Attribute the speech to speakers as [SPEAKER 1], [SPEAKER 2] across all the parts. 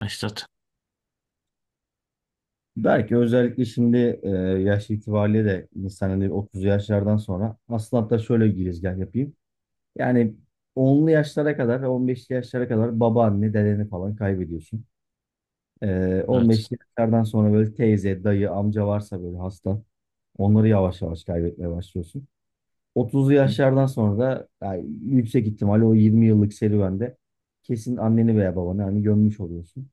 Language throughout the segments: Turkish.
[SPEAKER 1] Başlat.
[SPEAKER 2] Belki özellikle şimdi yaş itibariyle de insan hani 30 yaşlardan sonra aslında hatta şöyle bir girizgah yapayım. Yani onlu yaşlara kadar ve 15'li yaşlara kadar babaanne, dedeni falan kaybediyorsun. E,
[SPEAKER 1] Evet.
[SPEAKER 2] 15'li yaşlardan sonra böyle teyze, dayı, amca varsa böyle hasta onları yavaş yavaş kaybetmeye başlıyorsun. 30'lu
[SPEAKER 1] Hı.
[SPEAKER 2] yaşlardan sonra da yani yüksek ihtimalle o 20 yıllık serüvende kesin anneni veya babanı hani gömmüş oluyorsun.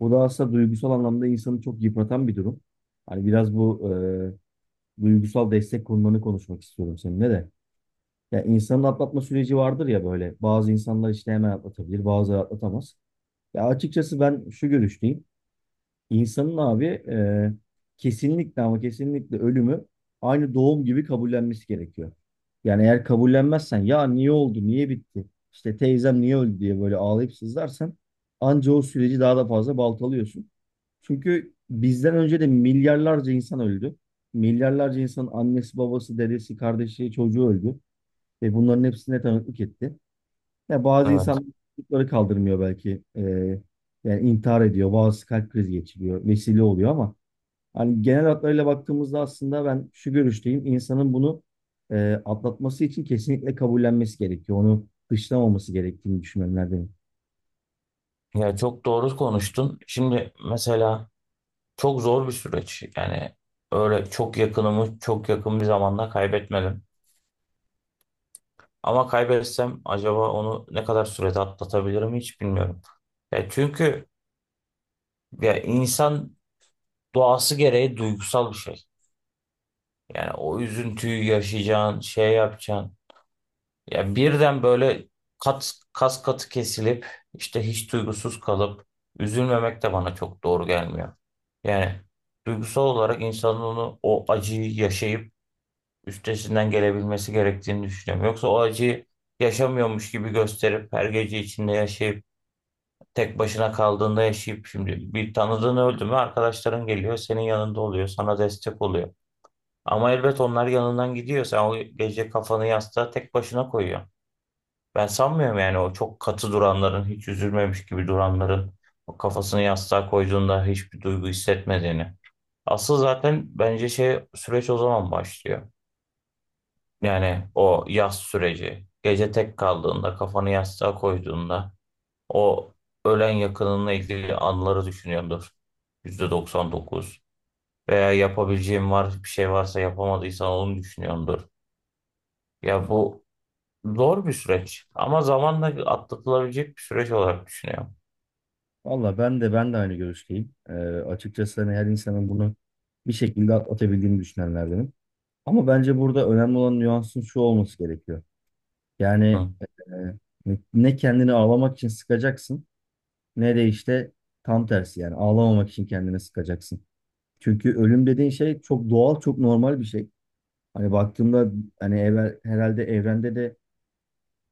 [SPEAKER 2] Bu da aslında duygusal anlamda insanı çok yıpratan bir durum. Hani biraz bu duygusal destek konularını konuşmak istiyorum seninle de. Ya insanın atlatma süreci vardır ya böyle. Bazı insanlar işte hemen atlatabilir, bazıları atlatamaz. Ya açıkçası ben şu görüşteyim. İnsanın abi kesinlikle ama kesinlikle ölümü aynı doğum gibi kabullenmesi gerekiyor. Yani eğer kabullenmezsen ya niye oldu, niye bitti, işte teyzem niye öldü diye böyle ağlayıp sızlarsan anca o süreci daha da fazla baltalıyorsun. Çünkü bizden önce de milyarlarca insan öldü. Milyarlarca insanın annesi, babası, dedesi, kardeşi, çocuğu öldü. Ve bunların hepsine tanıklık etti. Ya bazı
[SPEAKER 1] Evet.
[SPEAKER 2] insanlar çocukları kaldırmıyor belki. Yani intihar ediyor. Bazısı kalp krizi geçiriyor. Vesile oluyor ama hani genel hatlarıyla baktığımızda aslında ben şu görüşteyim. İnsanın bunu atlatması için kesinlikle kabullenmesi gerekiyor. Onu dışlamaması gerektiğini düşünenlerdenim.
[SPEAKER 1] Ya çok doğru konuştun. Şimdi mesela çok zor bir süreç. Yani öyle çok yakınımı çok yakın bir zamanda kaybetmedim. Ama kaybetsem acaba onu ne kadar sürede atlatabilirim hiç bilmiyorum. Ya çünkü ya insan doğası gereği duygusal bir şey. Yani o üzüntüyü yaşayacağın, şey yapacağın. Ya birden böyle kas katı kesilip işte hiç duygusuz kalıp üzülmemek de bana çok doğru gelmiyor. Yani duygusal olarak insanın onu o acıyı yaşayıp üstesinden gelebilmesi gerektiğini düşünüyorum. Yoksa o acıyı yaşamıyormuş gibi gösterip her gece içinde yaşayıp tek başına kaldığında yaşayıp şimdi bir tanıdığın öldü mü arkadaşların geliyor senin yanında oluyor sana destek oluyor. Ama elbet onlar yanından gidiyor sen o gece kafanı yastığa tek başına koyuyorsun. Ben sanmıyorum yani o çok katı duranların, hiç üzülmemiş gibi duranların o kafasını yastığa koyduğunda hiçbir duygu hissetmediğini. Asıl zaten bence şey süreç o zaman başlıyor. Yani o yas süreci. Gece tek kaldığında, kafanı yastığa koyduğunda o ölen yakınınla ilgili anıları düşünüyordur. %99. Veya yapabileceğim var, bir şey varsa yapamadıysan onu düşünüyordur. Ya bu zor bir süreç ama zamanla atlatılabilecek bir süreç olarak düşünüyorum.
[SPEAKER 2] Valla ben de aynı görüşteyim. Açıkçası hani her insanın bunu bir şekilde atlatabildiğini düşünenlerdenim. Ama bence burada önemli olan nüansın şu olması gerekiyor. Yani
[SPEAKER 1] Hı.
[SPEAKER 2] ne kendini ağlamak için sıkacaksın ne de işte tam tersi yani ağlamamak için kendine sıkacaksın. Çünkü ölüm dediğin şey çok doğal, çok normal bir şey. Hani baktığımda hani evvel, herhalde evrende de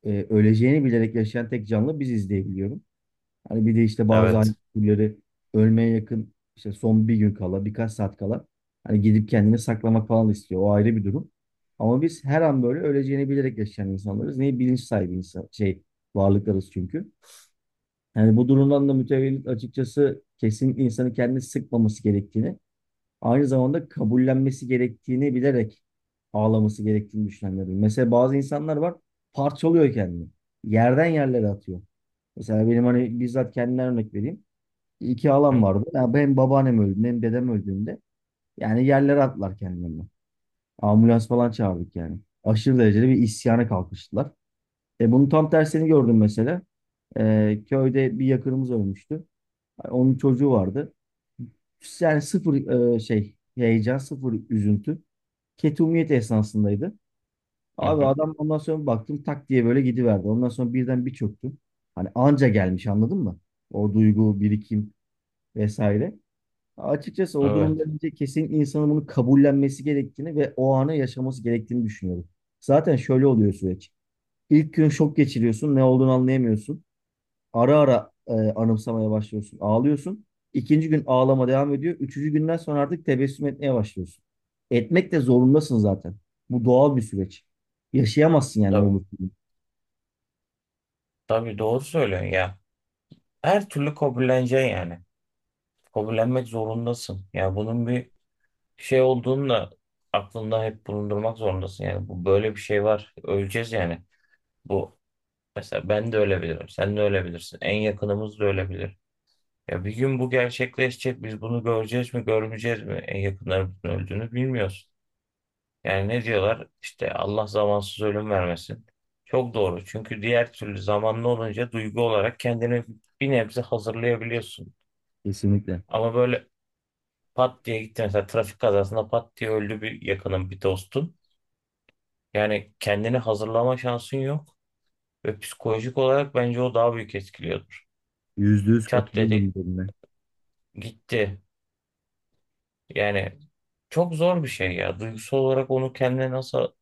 [SPEAKER 2] öleceğini bilerek yaşayan tek canlı biziz diye biliyorum. Hani bir de işte bazı hani
[SPEAKER 1] Evet.
[SPEAKER 2] türleri ölmeye yakın işte son bir gün kala, birkaç saat kala hani gidip kendini saklamak falan istiyor. O ayrı bir durum. Ama biz her an böyle öleceğini bilerek yaşayan insanlarız. Neyi bilinç sahibi insan, şey varlıklarız çünkü. Yani bu durumdan da mütevellit açıkçası kesinlikle insanı kendini sıkmaması gerektiğini, aynı zamanda kabullenmesi gerektiğini bilerek ağlaması gerektiğini düşünenlerim. Mesela bazı insanlar var parçalıyor kendini. Yerden yerlere atıyor. Mesela benim hani bizzat kendimden örnek vereyim. İki halam
[SPEAKER 1] Hı,
[SPEAKER 2] vardı. Ya benim babaannem öldüğünde hem dedem öldüğünde yani yerlere attılar kendilerini. Ambulans falan çağırdık yani. Aşırı derecede bir isyana kalkıştılar. E bunun tam tersini gördüm mesela. Köyde bir yakınımız ölmüştü. Onun çocuğu vardı. Yani sıfır şey heyecan, sıfır üzüntü. Ketumiyet esnasındaydı.
[SPEAKER 1] hı,
[SPEAKER 2] Abi
[SPEAKER 1] hı.
[SPEAKER 2] adam ondan sonra baktım tak diye böyle gidiverdi. Ondan sonra birden bir çöktüm. Hani anca gelmiş anladın mı? O duygu, birikim vesaire. Açıkçası o durumda
[SPEAKER 1] Evet.
[SPEAKER 2] bence kesin insanın bunu kabullenmesi gerektiğini ve o anı yaşaması gerektiğini düşünüyorum. Zaten şöyle oluyor süreç. İlk gün şok geçiriyorsun, ne olduğunu anlayamıyorsun. Ara ara anımsamaya başlıyorsun. Ağlıyorsun. İkinci gün ağlama devam ediyor. Üçüncü günden sonra artık tebessüm etmeye başlıyorsun. Etmek de zorundasın zaten. Bu doğal bir süreç. Yaşayamazsın yani
[SPEAKER 1] Tabii.
[SPEAKER 2] öbür türlü.
[SPEAKER 1] Tabii doğru söylüyorsun ya. Her türlü kabulleneceksin yani. Kabullenmek zorundasın. Ya bunun bir şey olduğunu da aklında hep bulundurmak zorundasın. Yani bu böyle bir şey var. Öleceğiz yani. Bu mesela ben de ölebilirim. Sen de ölebilirsin. En yakınımız da ölebilir. Ya bir gün bu gerçekleşecek. Biz bunu göreceğiz mi, görmeyeceğiz mi? En yakınlarımızın öldüğünü bilmiyoruz. Yani ne diyorlar? İşte Allah zamansız ölüm vermesin. Çok doğru. Çünkü diğer türlü zamanlı olunca duygu olarak kendini bir nebze hazırlayabiliyorsun.
[SPEAKER 2] Kesinlikle.
[SPEAKER 1] Ama böyle pat diye gitti mesela trafik kazasında pat diye öldü bir yakının bir dostun. Yani kendini hazırlama şansın yok ve psikolojik olarak bence o daha büyük etkiliyordur.
[SPEAKER 2] %100
[SPEAKER 1] Çat
[SPEAKER 2] katılıyorum bu
[SPEAKER 1] dedi
[SPEAKER 2] konuda.
[SPEAKER 1] gitti. Yani çok zor bir şey ya. Duygusal olarak onu kendine nasıl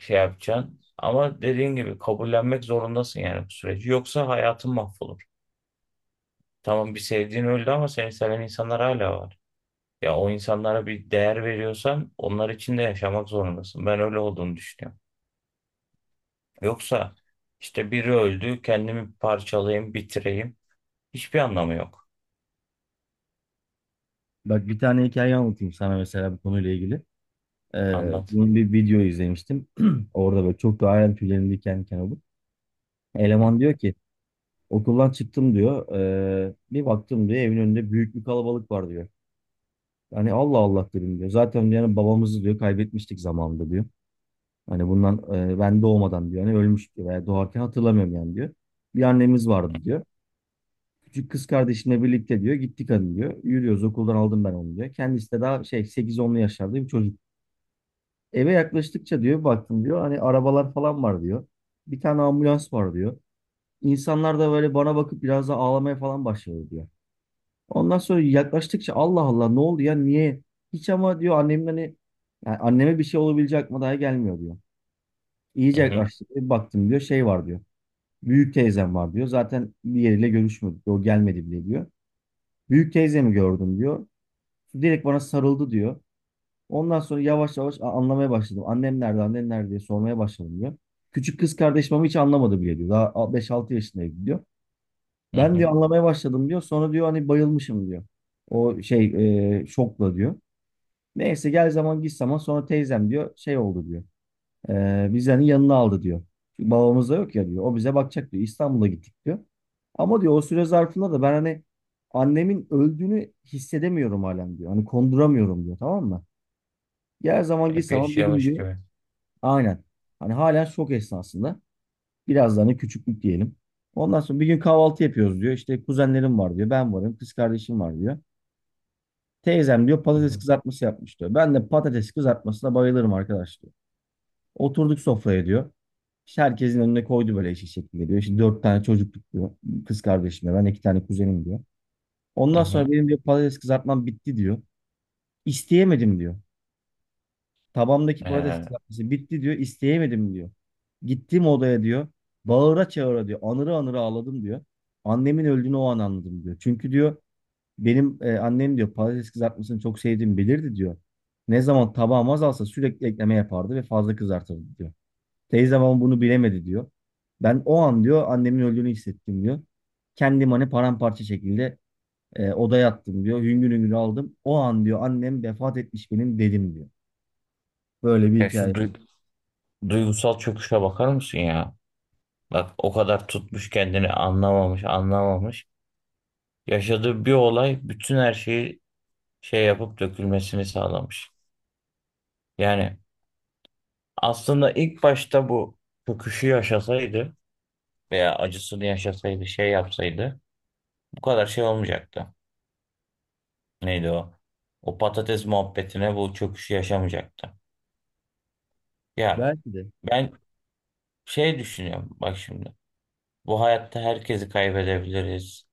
[SPEAKER 1] şey yapacaksın. Ama dediğin gibi kabullenmek zorundasın yani bu süreci. Yoksa hayatın mahvolur. Tamam bir sevdiğin öldü ama seni seven insanlar hala var. Ya o insanlara bir değer veriyorsan onlar için de yaşamak zorundasın. Ben öyle olduğunu düşünüyorum. Yoksa işte biri öldü, kendimi parçalayayım, bitireyim. Hiçbir anlamı yok.
[SPEAKER 2] Bak bir tane hikaye anlatayım sana mesela bu konuyla ilgili.
[SPEAKER 1] Anlat.
[SPEAKER 2] Bunun bir video izlemiştim. Orada böyle çok da hayal tüylerim diken diken oldu.
[SPEAKER 1] Hı
[SPEAKER 2] Eleman diyor ki okuldan çıktım diyor. Bir baktım diyor evin önünde büyük bir kalabalık var diyor. Hani Allah Allah dedim diyor. Zaten yani babamızı diyor kaybetmiştik zamanında diyor. Hani bundan ben doğmadan diyor. Hani ölmüş diyor veya doğarken hatırlamıyorum yani diyor. Bir annemiz vardı diyor. Küçük kız kardeşimle birlikte diyor gittik hani diyor. Yürüyoruz okuldan aldım ben onu diyor. Kendisi de daha şey sekiz onlu yaşlarda bir çocuk. Eve yaklaştıkça diyor baktım diyor hani arabalar falan var diyor. Bir tane ambulans var diyor. İnsanlar da böyle bana bakıp biraz da ağlamaya falan başladı diyor. Ondan sonra yaklaştıkça Allah Allah ne oldu ya niye? Hiç ama diyor annemin hani yani anneme bir şey olabilecek aklıma daha gelmiyor diyor. İyice
[SPEAKER 1] hı
[SPEAKER 2] yaklaştık. Bir baktım diyor şey var diyor. Büyük teyzem var diyor. Zaten diğeriyle görüşmedik. O gelmedi bile diyor. Büyük teyzemi gördüm diyor. Direkt bana sarıldı diyor. Ondan sonra yavaş yavaş anlamaya başladım. Annem nerede, annem nerede diye sormaya başladım diyor. Küçük kız kardeşim ama hiç anlamadı bile diyor. Daha 5-6 yaşındaydı diyor.
[SPEAKER 1] hı
[SPEAKER 2] Ben diyor
[SPEAKER 1] hı.
[SPEAKER 2] anlamaya başladım diyor. Sonra diyor hani bayılmışım diyor. O şey şokla diyor. Neyse gel zaman git zaman sonra teyzem diyor şey oldu diyor. Biz yani yanına aldı diyor. Çünkü babamız da yok ya diyor. O bize bakacak diyor. İstanbul'a gittik diyor. Ama diyor o süre zarfında da ben hani annemin öldüğünü hissedemiyorum halen diyor. Hani konduramıyorum diyor tamam mı? Gel zaman git
[SPEAKER 1] Hep
[SPEAKER 2] zaman bir gün
[SPEAKER 1] yaşıyormuş
[SPEAKER 2] diyor.
[SPEAKER 1] gibi.
[SPEAKER 2] Aynen. Hani halen şok esnasında. Biraz da hani küçüklük diyelim. Ondan sonra bir gün kahvaltı yapıyoruz diyor. İşte kuzenlerim var diyor. Ben varım. Kız kardeşim var diyor. Teyzem diyor
[SPEAKER 1] Hı
[SPEAKER 2] patates
[SPEAKER 1] hı
[SPEAKER 2] kızartması yapmış diyor. Ben de patates kızartmasına bayılırım arkadaşlar. Oturduk sofraya diyor. İşte herkesin önüne koydu böyle eşek şekilde diyor. İşte dört tane çocukluk diyor. Kız kardeşim ben iki tane kuzenim diyor.
[SPEAKER 1] hı.
[SPEAKER 2] Ondan sonra
[SPEAKER 1] Hı.
[SPEAKER 2] benim diyor patates kızartmam bitti diyor. İsteyemedim diyor. Tabamdaki patates
[SPEAKER 1] Ee,
[SPEAKER 2] kızartması bitti diyor. İsteyemedim diyor. Gittim odaya diyor. Bağıra çağıra diyor. Anıra anıra ağladım diyor. Annemin öldüğünü o an anladım diyor. Çünkü diyor benim annem diyor patates kızartmasını çok sevdiğimi bilirdi diyor. Ne zaman tabağım azalsa sürekli ekleme yapardı ve fazla kızartırdı diyor. Teyzem ama bunu bilemedi diyor. Ben o an diyor annemin öldüğünü hissettim diyor. Kendim hani paramparça şekilde odaya attım diyor. Hüngür hüngür aldım. O an diyor annem vefat etmiş benim dedim diyor. Böyle bir
[SPEAKER 1] ya şu
[SPEAKER 2] hikaye.
[SPEAKER 1] duy- duygusal çöküşe bakar mısın ya? Bak o kadar tutmuş kendini anlamamış, anlamamış. Yaşadığı bir olay bütün her şeyi şey yapıp dökülmesini sağlamış. Yani aslında ilk başta bu çöküşü yaşasaydı veya acısını yaşasaydı, şey yapsaydı bu kadar şey olmayacaktı. Neydi o? O patates muhabbetine bu çöküşü yaşamayacaktı. Yani
[SPEAKER 2] Belki de
[SPEAKER 1] ben şey düşünüyorum bak şimdi. Bu hayatta herkesi kaybedebiliriz.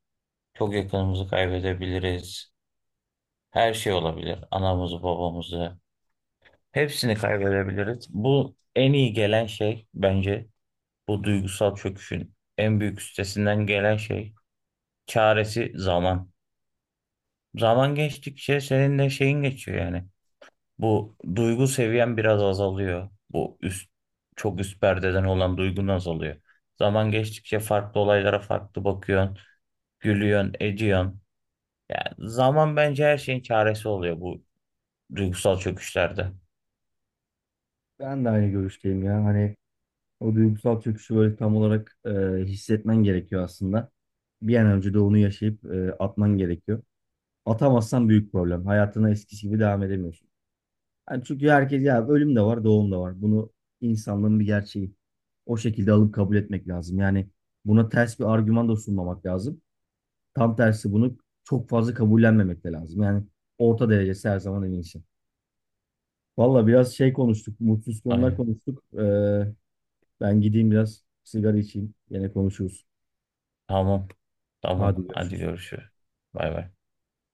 [SPEAKER 1] Çok yakınımızı kaybedebiliriz. Her şey olabilir. Anamızı, babamızı. Hepsini kaybedebiliriz. Bu en iyi gelen şey bence bu duygusal çöküşün en büyük üstesinden gelen şey çaresi zaman. Zaman geçtikçe senin de şeyin geçiyor yani. Bu duygu seviyen biraz azalıyor. Bu çok üst perdeden olan duygun azalıyor. Zaman geçtikçe farklı olaylara farklı bakıyorsun, gülüyorsun, ediyorsun. Yani zaman bence her şeyin çaresi oluyor bu duygusal çöküşlerde.
[SPEAKER 2] ben de aynı görüşteyim ya. Hani o duygusal çöküşü böyle tam olarak hissetmen gerekiyor aslında. Bir an önce de onu yaşayıp atman gerekiyor. Atamazsan büyük problem. Hayatına eskisi gibi devam edemiyorsun. Yani çünkü herkes ya ölüm de var, doğum da var. Bunu insanlığın bir gerçeği. O şekilde alıp kabul etmek lazım. Yani buna ters bir argüman da sunmamak lazım. Tam tersi bunu çok fazla kabullenmemek de lazım. Yani orta derecesi her zaman en iyisi. Valla biraz şey konuştuk, mutsuz konular
[SPEAKER 1] Aynen.
[SPEAKER 2] konuştuk. Ben gideyim biraz sigara içeyim. Yine konuşuruz.
[SPEAKER 1] Tamam.
[SPEAKER 2] Hadi
[SPEAKER 1] Tamam. Hadi
[SPEAKER 2] görüşürüz.
[SPEAKER 1] görüşürüz. Bay bay.